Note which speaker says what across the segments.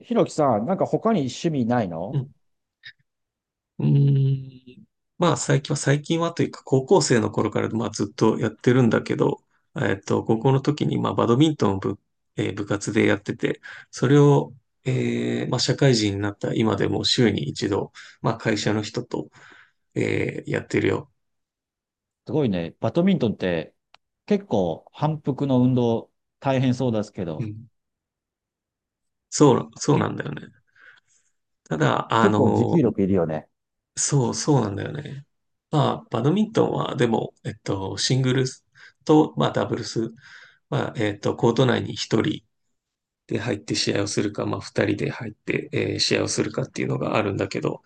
Speaker 1: ひろきさん、なんか他に趣味ない
Speaker 2: う
Speaker 1: の？
Speaker 2: ん。うーん。まあ、最近は、最近はというか、高校生の頃から、まあ、ずっとやってるんだけど、高校の時に、まあ、バドミントンを部、えー部活でやってて、それを、まあ、社会人になった今でも週に一度、まあ、会社の人と、やってるよ。
Speaker 1: すごいね。バドミントンって結構反復の運動大変そうですけ
Speaker 2: う
Speaker 1: ど、
Speaker 2: ん。そう、そう
Speaker 1: け、
Speaker 2: なんだよね。ただ、
Speaker 1: 結構持久力いるよね。
Speaker 2: そう、そうなんだよね。まあ、バドミントンは、でも、シングルスと、まあ、ダブルス、まあ、コート内に一人、で入って試合をするか、まあ二人で入って、試合をするかっていうのがあるんだけど、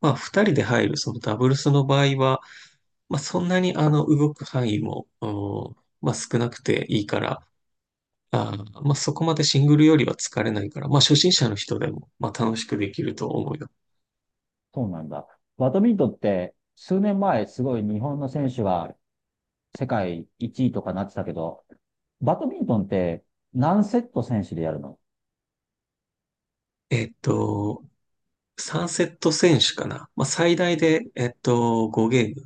Speaker 2: まあ二人で入るそのダブルスの場合は、まあそんなに動く範囲も、まあ少なくていいから、あまあそこまでシングルよりは疲れないから、まあ初心者の人でも、まあ楽しくできると思うよ。
Speaker 1: そうなんだ。バドミントンって数年前すごい日本の選手が世界1位とかなってたけど、バドミントンって何セット選手でやるの？
Speaker 2: えっと、3セット選手かな。まあ最大で、5ゲーム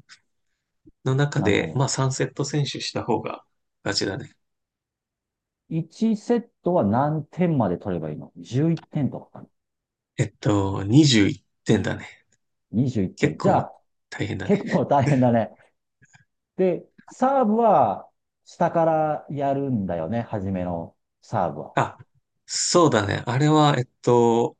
Speaker 2: の中
Speaker 1: なるほ
Speaker 2: で、まあ
Speaker 1: ど。
Speaker 2: 3セット選手した方が勝ちだね。
Speaker 1: 1セットは何点まで取ればいいの？ 11 点とかかな？
Speaker 2: 21点だね。
Speaker 1: 21
Speaker 2: 結
Speaker 1: 点。じゃ
Speaker 2: 構
Speaker 1: あ
Speaker 2: 大変だね。
Speaker 1: 結構大変だね。で、サーブは下からやるんだよね、初めのサーブは。
Speaker 2: あ、そうだね。あれは、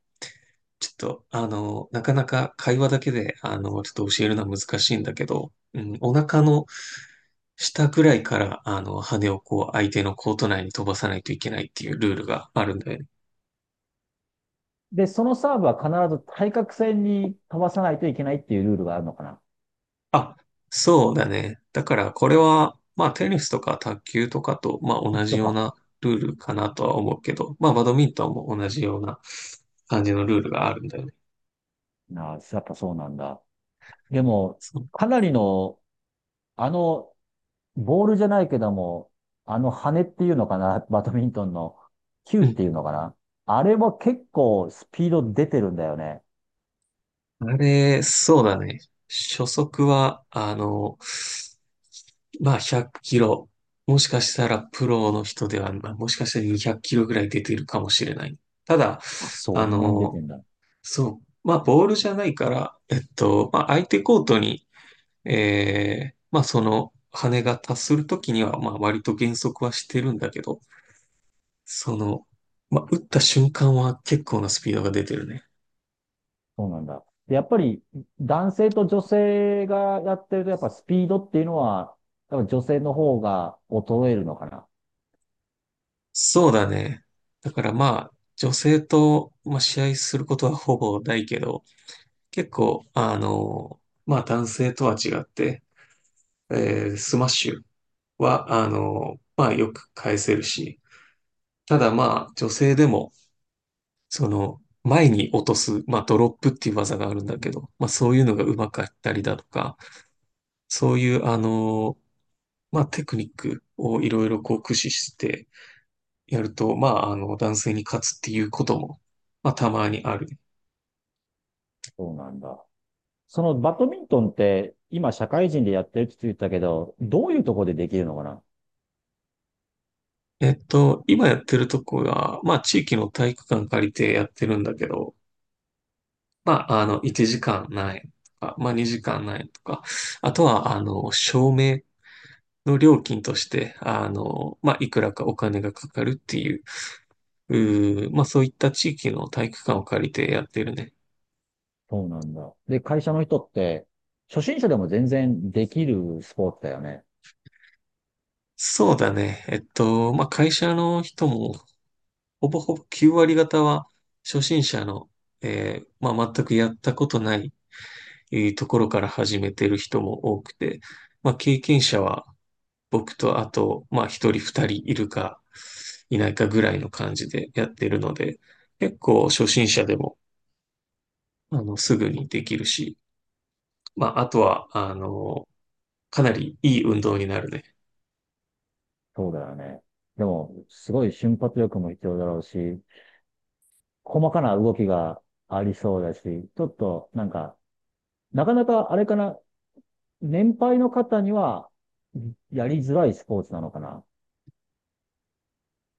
Speaker 2: ちょっと、なかなか会話だけで、ちょっと教えるのは難しいんだけど、うん、お腹の下ぐらいから、羽をこう、相手のコート内に飛ばさないといけないっていうルールがあるんだよね。
Speaker 1: で、そのサーブは必ず対角線に飛ばさないといけないっていうルールがあるのかな。
Speaker 2: あ、そうだね。だから、これは、まあ、テニスとか卓球とかと、まあ、
Speaker 1: 一
Speaker 2: 同じ
Speaker 1: 緒
Speaker 2: よう
Speaker 1: か。
Speaker 2: なルールかなとは思うけど、まあ、バドミントンも同じような感じのルールがあるんだよね。
Speaker 1: なあ、やっぱそうなんだ。でも、
Speaker 2: そう。
Speaker 1: かなりの、あの、ボールじゃないけども、あの羽っていうのかな、バドミントンの球
Speaker 2: う
Speaker 1: っ
Speaker 2: ん。
Speaker 1: ていうのかな。あれも結構スピード出てるんだよね。
Speaker 2: あれ、そうだね。初速は、まあ100キロ。もしかしたらプロの人では、まあ、もしかしたら200キロぐらい出てるかもしれない。ただ、
Speaker 1: あ、そ
Speaker 2: あ
Speaker 1: んなに出て
Speaker 2: の、
Speaker 1: んだ。
Speaker 2: そう、まあボールじゃないから、まあ相手コートに、まあその羽が達するときには、まあ割と減速はしてるんだけど、その、まあ打った瞬間は結構なスピードが出てるね。
Speaker 1: そうなんだ。でやっぱり男性と女性がやってると、やっぱスピードっていうのは、多分女性の方が衰えるのかな。
Speaker 2: そうだね。だからまあ、女性と、まあ、試合することはほぼないけど、結構、まあ男性とは違って、スマッシュは、まあよく返せるし、ただまあ女性でも、その、前に落とす、まあドロップっていう技があるんだけど、まあそういうのが上手かったりだとか、そういう、まあテクニックをいろいろこう駆使してやると、まああの男性に勝つっていうことも、まあ、たまにあるね。
Speaker 1: そうなんだ。そのバドミントンって今社会人でやってるって言ったけど、どういうところでできるのかな。
Speaker 2: 今やってるとこが、まあ、地域の体育館借りてやってるんだけど、まあ、1時間何円とか、まあ、2時間何円とか、あとは、照明の料金として、まあ、いくらかお金がかかるっていう、まあ、そういった地域の体育館を借りてやってるね。
Speaker 1: そうなんだ。で、会社の人って初心者でも全然できるスポーツだよね。
Speaker 2: そうだね。まあ、会社の人も、ほぼほぼ9割方は、初心者の、まあ、全くやったことないいうところから始めてる人も多くて、まあ、経験者は僕とあと、まあ、一人二人いるかいないかぐらいの感じでやってるので、結構初心者でも、すぐにできるし、まあ、あとは、かなりいい運動になるね。
Speaker 1: そうだよね。でも、すごい瞬発力も必要だろうし、細かな動きがありそうだし、ちょっとなんか、なかなかあれかな、年配の方には、やりづらいスポーツなのかな。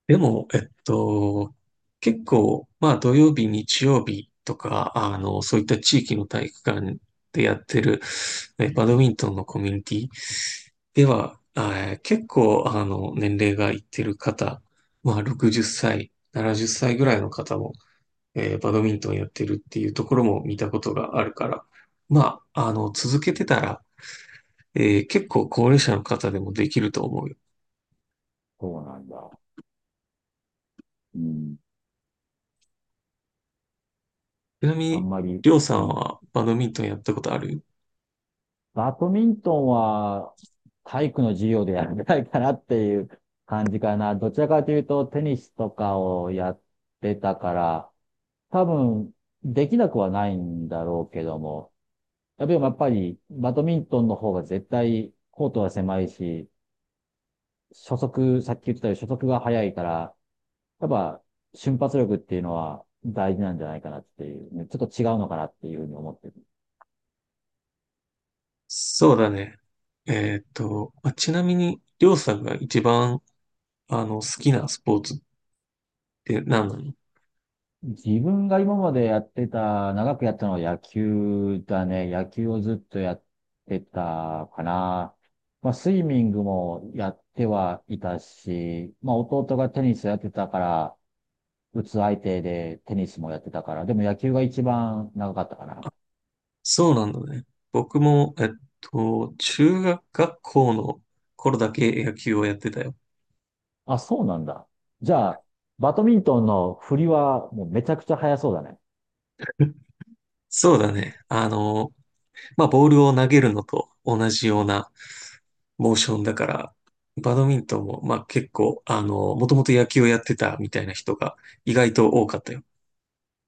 Speaker 2: でも、結構、まあ土曜日、日曜日とか、そういった地域の体育館でやってる、バドミントンのコミュニティでは、結構、年齢がいってる方、まあ60歳、70歳ぐらいの方も、バドミントンやってるっていうところも見たことがあるから、まあ、続けてたら、結構高齢者の方でもできると思うよ。
Speaker 1: そうなんだ。うん。
Speaker 2: ちなみ
Speaker 1: あ
Speaker 2: に、
Speaker 1: んまり、
Speaker 2: りょうさ
Speaker 1: う
Speaker 2: ん
Speaker 1: ん。
Speaker 2: はバドミントンやったことある？
Speaker 1: バドミントンは、体育の授業でやりたいかなっていう感じかな。どちらかというと、テニスとかをやってたから、多分、できなくはないんだろうけども、やっぱり、バドミントンの方が絶対、コートは狭いし、初速、さっき言ってたように初速が速いから、やっぱ瞬発力っていうのは大事なんじゃないかなっていうね、ちょっと違うのかなっていうふうに思ってる。
Speaker 2: そうだね。まあちなみに、りょうさんが一番、好きなスポーツって何なの？
Speaker 1: 自分が今までやってた、長くやったのは野球だね。野球をずっとやってたかな。まあ、スイミングもやってはいたし、まあ、弟がテニスやってたから、打つ相手でテニスもやってたから、でも野球が一番長かったかな。
Speaker 2: そうなんだね。僕も、中学学校の頃だけ野球をやってたよ。
Speaker 1: あ、そうなんだ。じゃあ、バドミントンの振りはもうめちゃくちゃ速そうだね。
Speaker 2: そうだね。まあ、ボールを投げるのと同じようなモーションだから、バドミントンも、まあ、結構、もともと野球をやってたみたいな人が意外と多かったよ。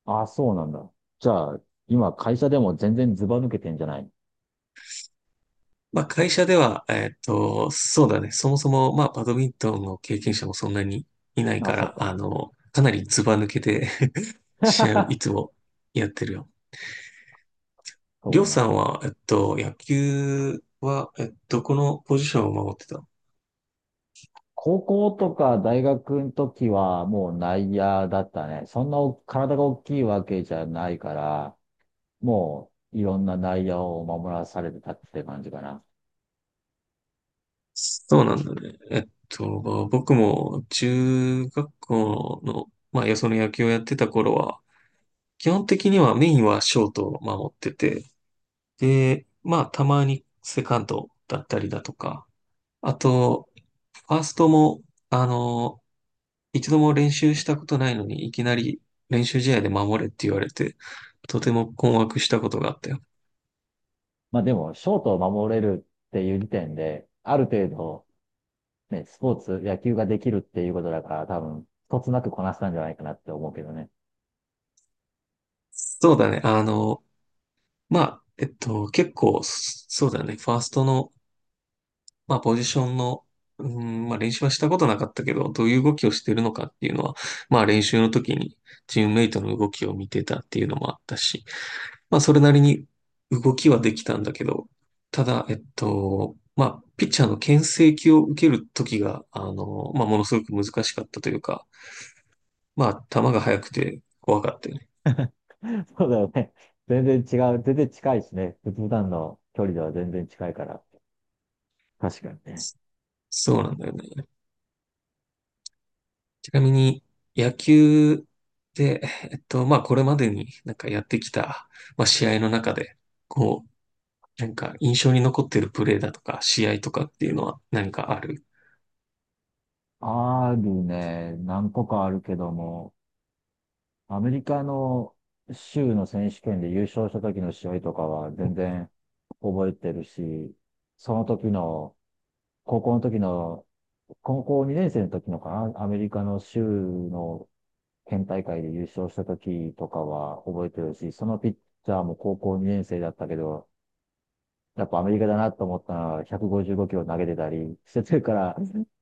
Speaker 1: あ、そうなんだ。じゃあ、今会社でも全然ズバ抜けてんじゃない？
Speaker 2: まあ会社では、そうだね。そもそも、まあバドミントンの経験者もそんなにいない
Speaker 1: あ、
Speaker 2: か
Speaker 1: そっ
Speaker 2: ら、
Speaker 1: か。
Speaker 2: かなりズバ抜けて 試合をいつ もやってるよ。りょ
Speaker 1: そ
Speaker 2: う
Speaker 1: うな
Speaker 2: さ
Speaker 1: ん
Speaker 2: ん
Speaker 1: だ。
Speaker 2: は、野球は、このポジションを守ってたの？
Speaker 1: 高校とか大学の時はもう内野だったね。そんな体が大きいわけじゃないから、もういろんな内野を守らされてたって感じかな。
Speaker 2: そうなんだね。まあ僕も中学校の、まあ、よその野球をやってた頃は、基本的にはメインはショートを守ってて、で、まあ、たまにセカンドだったりだとか、あと、ファーストも、あの、一度も練習したことないのに、いきなり練習試合で守れって言われて、とても困惑したことがあったよ。
Speaker 1: まあでも、ショートを守れるっていう時点で、ある程度、ね、スポーツ、野球ができるっていうことだから、多分、一つなくこなせたんじゃないかなって思うけどね。
Speaker 2: そうだね。まあ、結構、そそうだね。ファーストのまあ、ポジションの、うん、まあ、練習はしたことなかったけど、どういう動きをしてるのかっていうのは、まあ、練習の時にチームメイトの動きを見てたっていうのもあったし、まあ、それなりに動きはできたんだけど、ただ、まあ、ピッチャーの牽制球を受ける時が、まあ、ものすごく難しかったというか、まあ、球が速くて怖かったよね。
Speaker 1: そうだよね。全然違う。全然近いしね。普段の距離では全然近いから。確かにね。
Speaker 2: そうなんだよね。ちなみに、野球で、まあ、これまでになんかやってきた、まあ、試合の中で、こう、なんか印象に残ってるプレーだとか、試合とかっていうのは何かある？
Speaker 1: あるね。何個かあるけども、アメリカの州の選手権で優勝した時の試合とかは全然覚えてるし、その時の、高校の時の、高校2年生の時のかな、アメリカの州の県大会で優勝した時とかは覚えてるし、そのピッチャーも高校2年生だったけど、やっぱアメリカだなと思ったのは、155キロ投げてたりしてるから、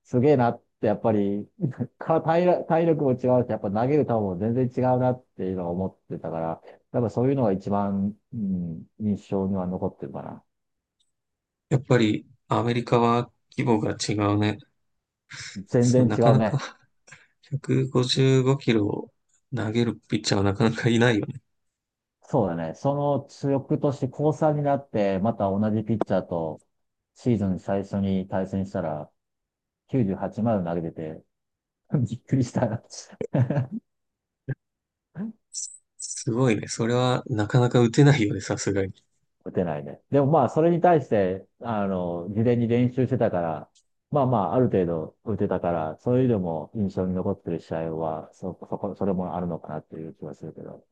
Speaker 1: すげえなって、やっぱり、か体力、体力も違うし、やっぱ投げる球も全然違うなっていうのを思ってたから、やっぱそういうのが一番、うん、印象には残ってるかな。
Speaker 2: やっぱり、アメリカは規模が違うね。
Speaker 1: 全
Speaker 2: そ
Speaker 1: 然
Speaker 2: のな
Speaker 1: 違
Speaker 2: か
Speaker 1: う
Speaker 2: なか
Speaker 1: ね。
Speaker 2: 155キロを投げるピッチャーはなかなかいないよね。
Speaker 1: そうだね。その強くとして高3になって、また同じピッチャーとシーズン最初に対戦したら、98まで投げてて、びっくりした。
Speaker 2: すごいね。それはなかなか打てないよね、さすがに。
Speaker 1: 打てないね。でもまあ、それに対して、事前に練習してたから、まあまあ、ある程度打てたから、そういうのも印象に残ってる試合は、それもあるのかなっていう気はするけど。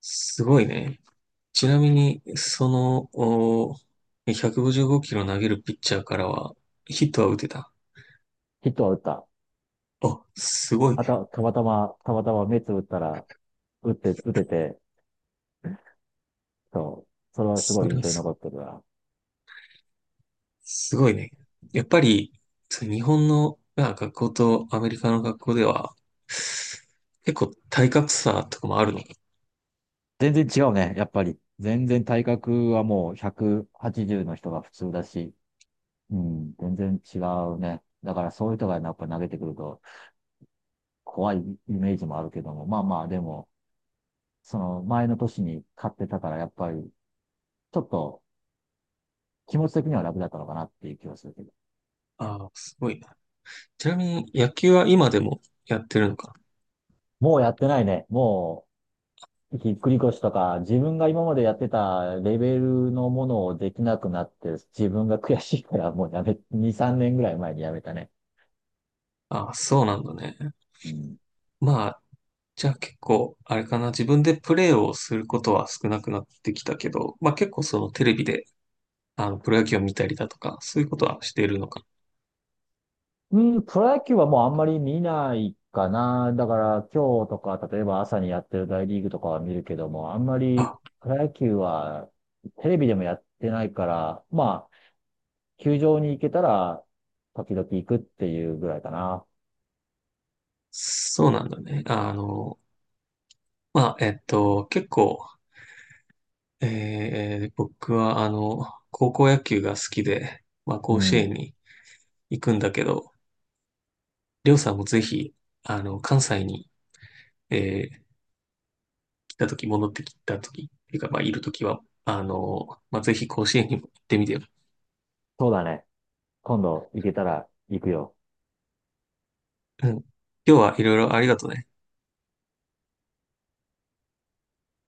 Speaker 2: すごいね。ちなみに、その、155キロ投げるピッチャーからは、ヒットは打てた？
Speaker 1: ヒットは打った。
Speaker 2: あ、すごい
Speaker 1: あ
Speaker 2: ね。
Speaker 1: た、たまたま、たまたま目つぶったら、打てて、そう。それはすご
Speaker 2: そ
Speaker 1: い
Speaker 2: れ
Speaker 1: 印
Speaker 2: は
Speaker 1: 象に残ってるな。
Speaker 2: すごいね。やっぱり、そう日本の、まあ、学校とアメリカの学校では、結構体格差とかもあるのか？
Speaker 1: 全然違うね、やっぱり。全然体格はもう180の人が普通だし、うん、全然違うね。だからそういう人がやっぱ投げてくると、怖いイメージもあるけども、まあまあ、でも、その前の年に買ってたから、やっぱり、ちょっと気持ち的には楽だったのかなっていう気はするけど。
Speaker 2: ああ、すごいな。ちなみに野球は今でもやってるのか？
Speaker 1: もうやってないね。もう、ひっくり腰とか、自分が今までやってたレベルのものをできなくなって、自分が悔しいからもう2、3年ぐらい前にやめたね。
Speaker 2: ああ、そうなんだね。
Speaker 1: うん
Speaker 2: まあ、じゃあ結構、あれかな、自分でプレーをすることは少なくなってきたけど、まあ結構そのテレビでプロ野球を見たりだとか、そういうことはしているのか？
Speaker 1: うん、プロ野球はもうあんまり見ないかな。だから今日とか、例えば朝にやってる大リーグとかは見るけども、あんまり
Speaker 2: あ、
Speaker 1: プロ野球はテレビでもやってないから、まあ、球場に行けたら時々行くっていうぐらいかな。
Speaker 2: そうなんだね。まあ、結構、僕は、高校野球が好きで、まあ、
Speaker 1: う
Speaker 2: 甲子
Speaker 1: ん、
Speaker 2: 園に行くんだけど、りょうさんもぜひ、関西に、えー来た時戻ってきた時っていうか、まあ、いる時は、まあ、ぜひ甲子園にも行ってみてよ。
Speaker 1: そうだね。今度行けたら行くよ。
Speaker 2: うん。今日はいろいろありがとね。